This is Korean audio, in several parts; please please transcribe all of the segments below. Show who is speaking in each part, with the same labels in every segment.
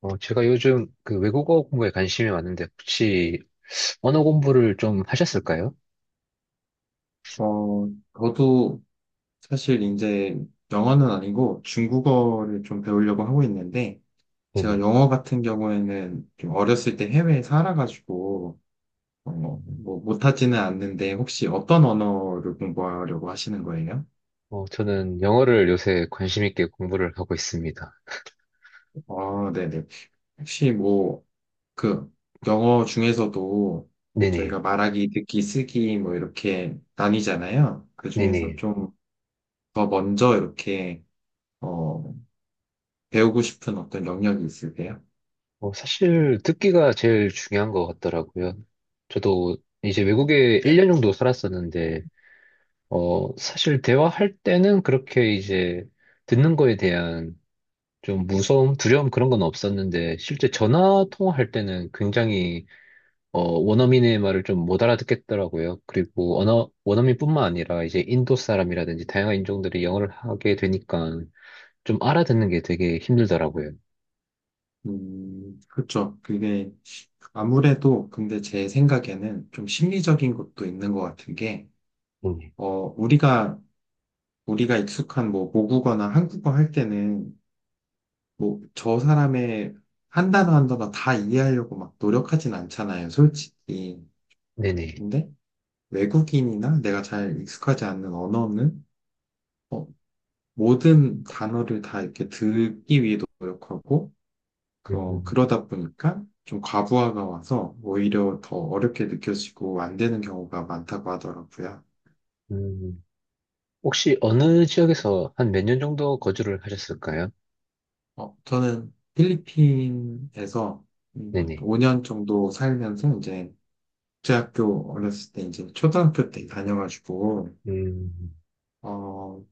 Speaker 1: 제가 요즘 그 외국어 공부에 관심이 많은데 혹시 언어 공부를 좀 하셨을까요?
Speaker 2: 어, 저도 사실 이제 영어는 아니고 중국어를 좀 배우려고 하고 있는데, 제가
Speaker 1: 네네.
Speaker 2: 영어 같은 경우에는 좀 어렸을 때 해외에 살아가지고,
Speaker 1: 음.
Speaker 2: 뭐 못하지는 않는데, 혹시 어떤 언어를 공부하려고 하시는 거예요?
Speaker 1: 저는 영어를 요새 관심 있게 공부를 하고 있습니다.
Speaker 2: 아, 네네. 혹시 뭐, 그, 영어 중에서도
Speaker 1: 네네.
Speaker 2: 저희가 말하기, 듣기, 쓰기, 뭐, 이렇게 나뉘잖아요. 그 중에서
Speaker 1: 네네.
Speaker 2: 좀 더 먼저 이렇게, 어, 배우고 싶은 어떤 영역이 있으세요?
Speaker 1: 사실 듣기가 제일 중요한 것 같더라고요. 저도 이제 외국에
Speaker 2: 네.
Speaker 1: 1년 정도 살았었는데, 사실 대화할 때는 그렇게 이제 듣는 거에 대한 좀 무서움, 두려움 그런 건 없었는데, 실제 전화 통화할 때는 굉장히 원어민의 말을 좀 못 알아듣겠더라고요. 그리고 언어, 원어민뿐만 아니라 이제 인도 사람이라든지 다양한 인종들이 영어를 하게 되니까 좀 알아듣는 게 되게 힘들더라고요.
Speaker 2: 그렇죠. 그게 아무래도 근데 제 생각에는 좀 심리적인 것도 있는 것 같은 게,
Speaker 1: 네네.
Speaker 2: 어, 우리가, 우리가 익숙한 뭐 모국어나 한국어 할 때는 뭐 저 사람의 한 단어 한 단어 다 이해하려고 막 노력하진 않잖아요, 솔직히.
Speaker 1: 네네.
Speaker 2: 근데 외국인이나 내가 잘 익숙하지 않는 언어는 어, 모든 단어를 다 이렇게 듣기 위해 노력하고,
Speaker 1: 음,
Speaker 2: 그러다 보니까 좀 과부하가 와서 오히려 더 어렵게 느껴지고 안 되는 경우가 많다고 하더라고요.
Speaker 1: 음. 혹시 어느 지역에서 한 몇 년 정도 거주를 하셨을까요?
Speaker 2: 저는 필리핀에서
Speaker 1: 네네.
Speaker 2: 5년 정도 살면서 이제 국제학교 어렸을 때 이제 초등학교 때 다녀가지고
Speaker 1: 음,
Speaker 2: 어,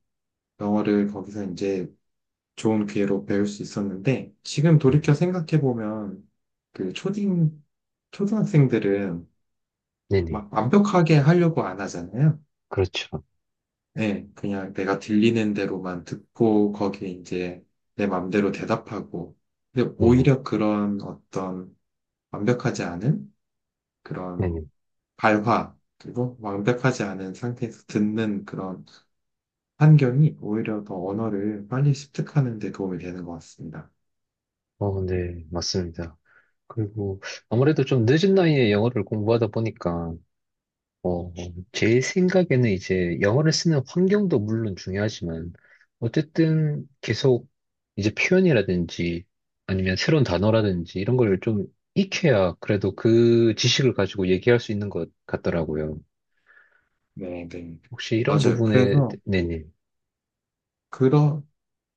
Speaker 2: 영어를 거기서 이제 좋은 기회로 배울 수 있었는데 지금 돌이켜
Speaker 1: 네네.
Speaker 2: 생각해 보면 그 초딩 초등학생들은
Speaker 1: 네네.
Speaker 2: 막 완벽하게 하려고 안 하잖아요.
Speaker 1: 그렇죠.
Speaker 2: 네, 그냥 내가 들리는 대로만 듣고 거기에 이제 내 맘대로 대답하고. 근데
Speaker 1: 네네.
Speaker 2: 오히려 그런 어떤 완벽하지 않은
Speaker 1: 네네.
Speaker 2: 그런 발화, 그리고 완벽하지 않은 상태에서 듣는 그런 환경이 오히려 더 언어를 빨리 습득하는 데 도움이 되는 것 같습니다.
Speaker 1: 어, 네. 맞습니다. 그리고 아무래도 좀 늦은 나이에 영어를 공부하다 보니까 어, 제 생각에는 이제 영어를 쓰는 환경도 물론 중요하지만, 어쨌든 계속 이제 표현이라든지 아니면 새로운 단어라든지 이런 걸 좀 익혀야 그래도 그 지식을 가지고 얘기할 수 있는 것 같더라고요.
Speaker 2: 네, 네.
Speaker 1: 혹시 이런
Speaker 2: 맞아요.
Speaker 1: 부분에, 네네,
Speaker 2: 그러,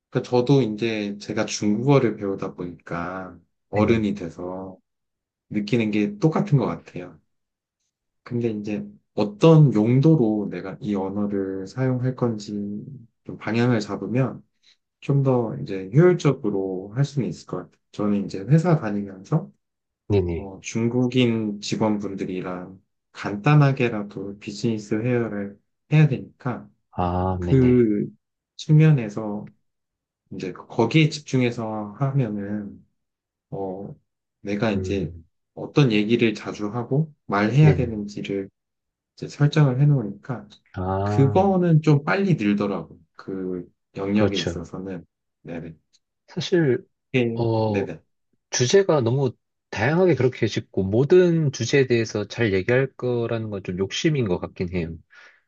Speaker 2: 그러니까 저도 이제 제가 중국어를 배우다 보니까
Speaker 1: 네네,
Speaker 2: 어른이 돼서 느끼는 게 똑같은 것 같아요. 근데 이제 어떤 용도로 내가 이 언어를 사용할 건지 좀 방향을 잡으면 좀 더 이제 효율적으로 할 수는 있을 것 같아요. 저는 이제 회사 다니면서
Speaker 1: 네네,
Speaker 2: 중국인 직원분들이랑 간단하게라도 비즈니스 회화를 해야 되니까
Speaker 1: 아, 네네,
Speaker 2: 그 측면에서 이제 거기에 집중해서 하면은 어, 내가 이제
Speaker 1: 음,
Speaker 2: 어떤 얘기를 자주 하고 말해야
Speaker 1: 네네,
Speaker 2: 되는지를 이제 설정을 해놓으니까
Speaker 1: 아,
Speaker 2: 그거는 좀 빨리 늘더라고. 그 영역에
Speaker 1: 그렇죠.
Speaker 2: 있어서는. 네네.
Speaker 1: 사실,
Speaker 2: 예.
Speaker 1: 어,
Speaker 2: 네네.
Speaker 1: 주제가 너무 다양하게 그렇게 짓고 모든 주제에 대해서 잘 얘기할 거라는 건 좀 욕심인 것 같긴 해요.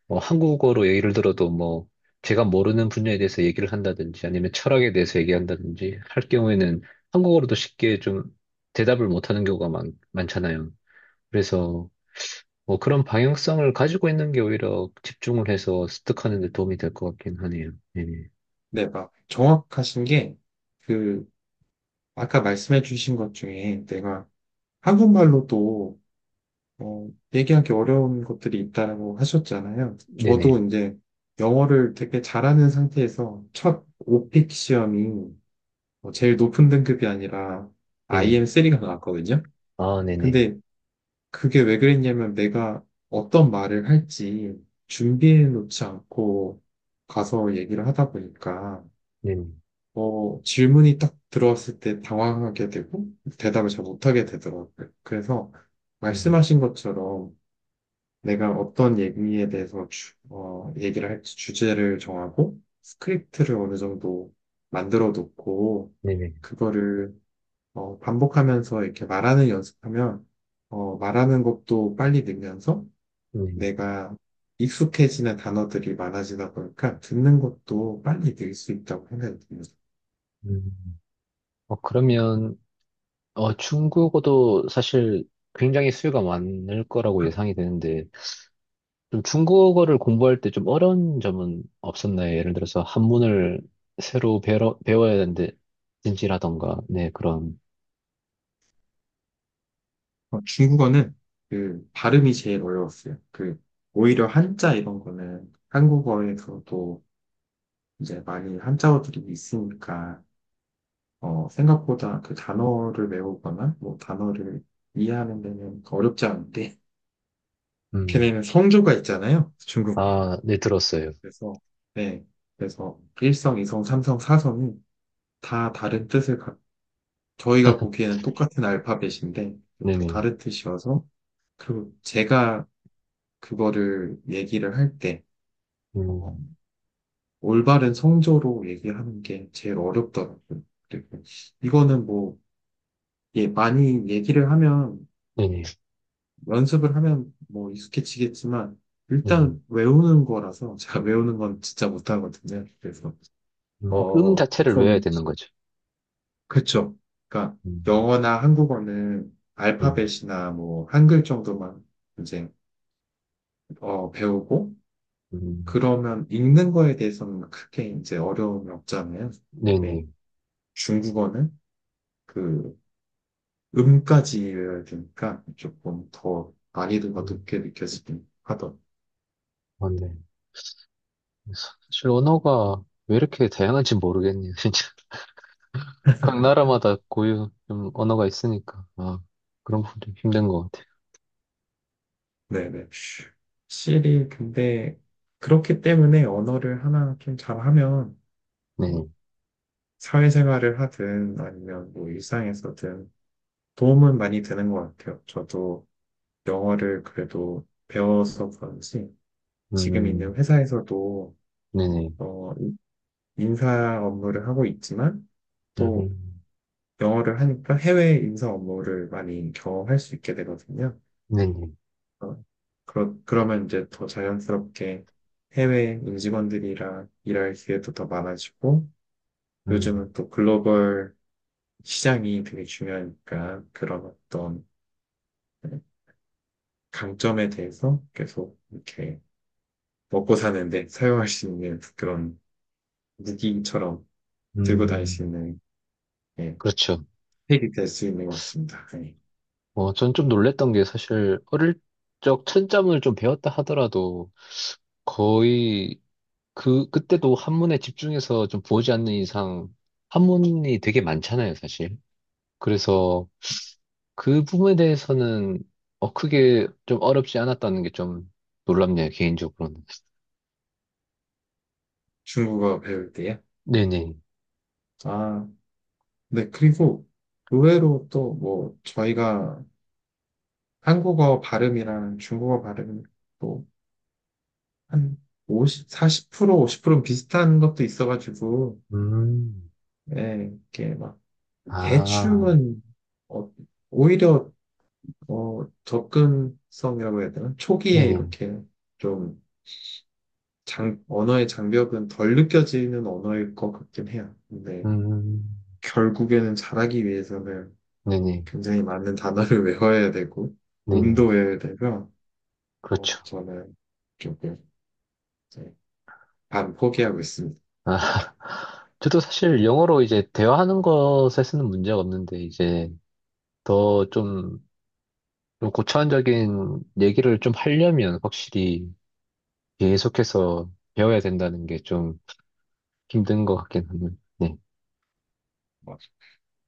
Speaker 1: 뭐 한국어로 예를 들어도 뭐 제가 모르는 분야에 대해서 얘기를 한다든지 아니면 철학에 대해서 얘기한다든지 할 경우에는 한국어로도 쉽게 좀 대답을 못하는 경우가 많잖아요. 그래서 뭐 그런 방향성을 가지고 있는 게 오히려 집중을 해서 습득하는 데 도움이 될 것 같긴 하네요. 네네.
Speaker 2: 네, 막 정확하신 게, 그, 아까 말씀해 주신 것 중에 내가 한국말로도, 어, 얘기하기 어려운 것들이 있다고 하셨잖아요.
Speaker 1: 네네.
Speaker 2: 저도 이제 영어를 되게 잘하는 상태에서 첫 오픽 시험이 뭐 제일 높은 등급이 아니라
Speaker 1: 네네.
Speaker 2: IM3가 나왔거든요.
Speaker 1: 아, 네네.
Speaker 2: 근데 그게 왜 그랬냐면 내가 어떤 말을 할지 준비해 놓지 않고 가서 얘기를 하다 보니까
Speaker 1: 네네.
Speaker 2: 질문이 딱 들어왔을 때 당황하게 되고 대답을 잘 못하게 되더라고요. 그래서
Speaker 1: 음,
Speaker 2: 말씀하신 것처럼 내가 어떤 얘기에 대해서 얘기를 할지 주제를 정하고 스크립트를 어느 정도 만들어 놓고
Speaker 1: 네네.
Speaker 2: 그거를 반복하면서 이렇게 말하는 연습하면 말하는 것도 빨리 늘면서
Speaker 1: 네네.
Speaker 2: 내가 익숙해지는 단어들이 많아지다 보니까 듣는 것도 빨리 늘 수 있다고 생각이 듭니다.
Speaker 1: 음. 그러면, 중국어도 사실 굉장히 수요가 많을 거라고 예상이 되는데, 좀 중국어를 공부할 때 좀 어려운 점은 없었나요? 예를 들어서 한문을 새로 배워야 되는데, 진지라던가, 네, 그런,
Speaker 2: 중국어는 그 발음이 제일 어려웠어요. 그 오히려 한자 이런 거는 한국어에서도 이제 많이 한자어들이 있으니까 생각보다 그 단어를 외우거나 뭐 단어를 이해하는 데는 어렵지 않은데
Speaker 1: 음,
Speaker 2: 걔네는 성조가 있잖아요. 중국.
Speaker 1: 아, 네, 들었어요.
Speaker 2: 그래서 네. 그래서 일성이성삼성사성이다 다른 뜻을 저희가 보기에는 똑같은 알파벳인데 다
Speaker 1: 네네,
Speaker 2: 다른 뜻이 와서 그리고 제가 그거를 얘기를 할 때 어,
Speaker 1: 음,
Speaker 2: 올바른 성조로 얘기하는 게 제일 어렵더라고요. 그리고 이거는 뭐 예, 많이 얘기를 하면
Speaker 1: 네네,
Speaker 2: 연습을 하면 뭐 익숙해지겠지만
Speaker 1: 네네,
Speaker 2: 일단 외우는 거라서 제가 외우는 건 진짜 못하거든요. 그래서
Speaker 1: 자체를 외워야
Speaker 2: 조금
Speaker 1: 되는 거죠.
Speaker 2: 그렇죠. 그러니까
Speaker 1: 음,
Speaker 2: 영어나 한국어는
Speaker 1: 네네,
Speaker 2: 알파벳이나 뭐 한글 정도만 이제 배우고,
Speaker 1: 음,
Speaker 2: 그러면 읽는 거에 대해서는 크게 이제 어려움이 없잖아요. 네.
Speaker 1: 네네,
Speaker 2: 중국어는 그 음까지 외워야 되니까 조금 더 난이도가
Speaker 1: 음,
Speaker 2: 높게 느껴지긴 하던.
Speaker 1: 어, 네. 사실 언어가 왜 이렇게 다양한지 모르겠네요, 진짜. 각 나라마다 고유 좀 언어가 있으니까 아 그런 부분이 좀 힘든 것 같아요.
Speaker 2: 네네. 확실히 근데 그렇기 때문에 언어를 하나 좀 잘하면
Speaker 1: 네,
Speaker 2: 어, 사회생활을 하든 아니면 뭐 일상에서든 도움은 많이 되는 것 같아요. 저도 영어를 그래도 배워서 그런지 지금 있는
Speaker 1: 음,
Speaker 2: 회사에서도
Speaker 1: 네네,
Speaker 2: 어, 인사 업무를 하고 있지만 또
Speaker 1: 음,
Speaker 2: 영어를 하니까 해외 인사 업무를 많이 경험할 수 있게 되거든요.
Speaker 1: 네네,
Speaker 2: 어, 그러면 이제 더 자연스럽게 해외 임직원들이랑 일할 기회도 더 많아지고
Speaker 1: 음,
Speaker 2: 요즘은 또 글로벌 시장이 되게 중요하니까 그런 어떤 강점에 대해서 계속 이렇게 먹고 사는데 사용할 수 있는 그런 무기처럼 들고 다닐 수
Speaker 1: 음,
Speaker 2: 있는 예,
Speaker 1: 그렇죠.
Speaker 2: 팩이 될 수 있는 것 같습니다. 예.
Speaker 1: 전 좀 놀랬던 게 사실 어릴 적 천점을 좀 배웠다 하더라도 거의 그때도 한문에 집중해서 좀 보지 않는 이상 한문이 되게 많잖아요, 사실. 그래서 그 부분에 대해서는 크게 좀 어렵지 않았다는 게 좀 놀랍네요, 개인적으로는.
Speaker 2: 중국어 배울 때요?
Speaker 1: 네네.
Speaker 2: 아, 네. 그리고 의외로 또 뭐 저희가 한국어 발음이랑 중국어 발음이 또한 40%, 50%는 비슷한 것도 있어가지고,
Speaker 1: 음,
Speaker 2: 예, 이렇게 막
Speaker 1: 아,
Speaker 2: 대충은 어, 오히려 접근성이라고 해야 되나? 초기에
Speaker 1: 네네.
Speaker 2: 이렇게 좀 언어의 장벽은 덜 느껴지는 언어일 것 같긴 해요. 근데
Speaker 1: 음,
Speaker 2: 결국에는 잘하기 위해서는
Speaker 1: 네네.
Speaker 2: 굉장히 많은 단어를 외워야 되고,
Speaker 1: 네네.
Speaker 2: 음도 외워야 되고요.
Speaker 1: 그렇죠.
Speaker 2: 저는 조금 이제 반 포기하고 있습니다.
Speaker 1: 아, 저도 사실 영어로 이제 대화하는 것에 쓰는 문제가 없는데, 이제 더 좀, 좀 고차원적인 얘기를 좀 하려면 확실히 계속해서 배워야 된다는 게 좀 힘든 것 같긴 하네요. 네.
Speaker 2: 맞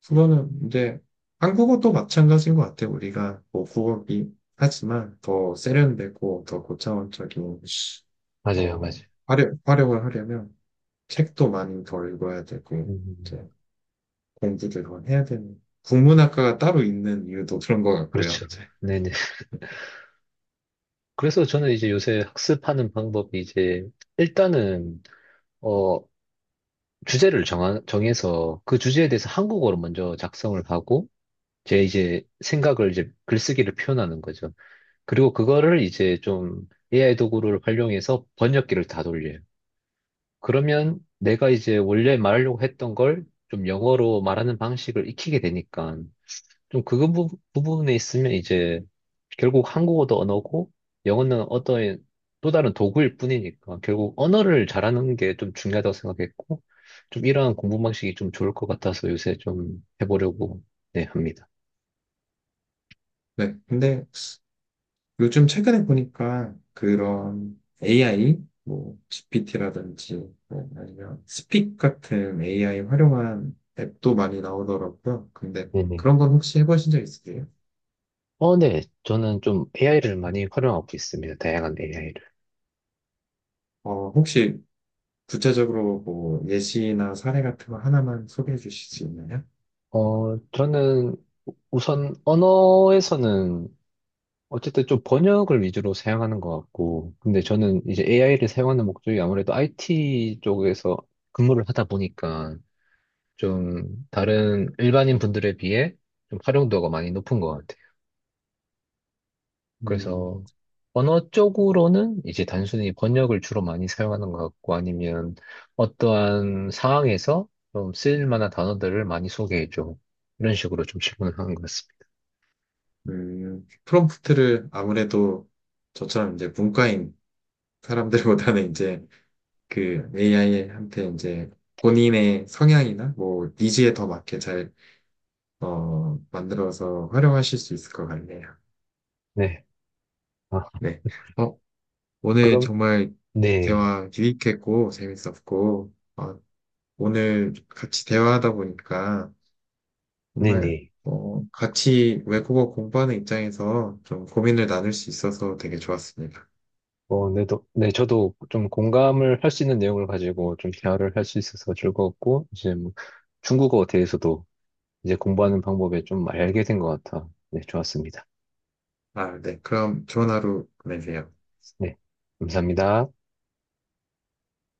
Speaker 2: 국어는 이제 한국어도 마찬가지인 것 같아요. 우리가 뭐 국어기 하지만 더 세련되고 더 고차원적인
Speaker 1: 맞아요, 맞아요.
Speaker 2: 활용을 하려면 책도 많이 더 읽어야 되고 이제
Speaker 1: 음,
Speaker 2: 공부를 더 해야 되는 국문학과가 따로 있는 이유도 그런 것 같고요.
Speaker 1: 그렇죠.
Speaker 2: 이제.
Speaker 1: 네네. 그래서 저는 이제 요새 학습하는 방법이 이제 일단은, 어... 주제를 정해서 그 주제에 대해서 한국어로 먼저 작성을 하고 제 이제 생각을 이제 글쓰기를 표현하는 거죠. 그리고 그거를 이제 좀 AI 도구를 활용해서 번역기를 다 돌려요. 그러면 내가 이제 원래 말하려고 했던 걸 좀 영어로 말하는 방식을 익히게 되니까 좀 그거 부분에 있으면 이제 결국 한국어도 언어고 영어는 어떤 또 다른 도구일 뿐이니까 결국 언어를 잘하는 게 좀 중요하다고 생각했고 좀 이러한 공부 방식이 좀 좋을 것 같아서 요새 좀 해보려고 네, 합니다.
Speaker 2: 네, 근데 요즘 최근에 보니까 그런 AI, 뭐 GPT라든지 뭐 아니면 스픽 같은 AI 활용한 앱도 많이 나오더라고요. 근데
Speaker 1: 네네.
Speaker 2: 그런 건 혹시 해보신 적 있으세요?
Speaker 1: 네. 저는 좀 AI를 많이 활용하고 있습니다. 다양한 AI를.
Speaker 2: 혹시 구체적으로 뭐 예시나 사례 같은 거 하나만 소개해 주실 수 있나요?
Speaker 1: 저는 우선 언어에서는 어쨌든 좀 번역을 위주로 사용하는 것 같고, 근데 저는 이제 AI를 사용하는 목적이 아무래도 IT 쪽에서 근무를 하다 보니까 좀 다른 일반인 분들에 비해 좀 활용도가 많이 높은 것 같아요.
Speaker 2: 음,
Speaker 1: 그래서 언어 쪽으로는 이제 단순히 번역을 주로 많이 사용하는 것 같고, 아니면 어떠한 상황에서 좀 쓰일 만한 단어들을 많이 소개해줘. 이런 식으로 좀 질문을 하는 것 같습니다.
Speaker 2: 프롬프트를 아무래도 저처럼 이제 문과인 사람들보다는 이제 그 AI한테 이제 본인의 성향이나 뭐 니즈에 더 맞게 잘 만들어서 활용하실 수 있을 것 같네요.
Speaker 1: 네. 아,
Speaker 2: 네. 어, 오늘
Speaker 1: 그럼,
Speaker 2: 정말
Speaker 1: 네.
Speaker 2: 대화 유익했고, 재밌었고, 오늘 같이 대화하다 보니까 정말,
Speaker 1: 네네.
Speaker 2: 같이 외국어 공부하는 입장에서 좀 고민을 나눌 수 있어서 되게 좋았습니다.
Speaker 1: 어, 네, 네, 저도 좀 공감을 할 수 있는 내용을 가지고 좀 대화를 할 수 있어서 즐거웠고, 이제 뭐 중국어 대해서도 이제 공부하는 방법에 좀 알게 된 것 같아. 네, 좋았습니다.
Speaker 2: 아, 네. 그럼 좋은 하루 보내세요.
Speaker 1: 네, 감사합니다.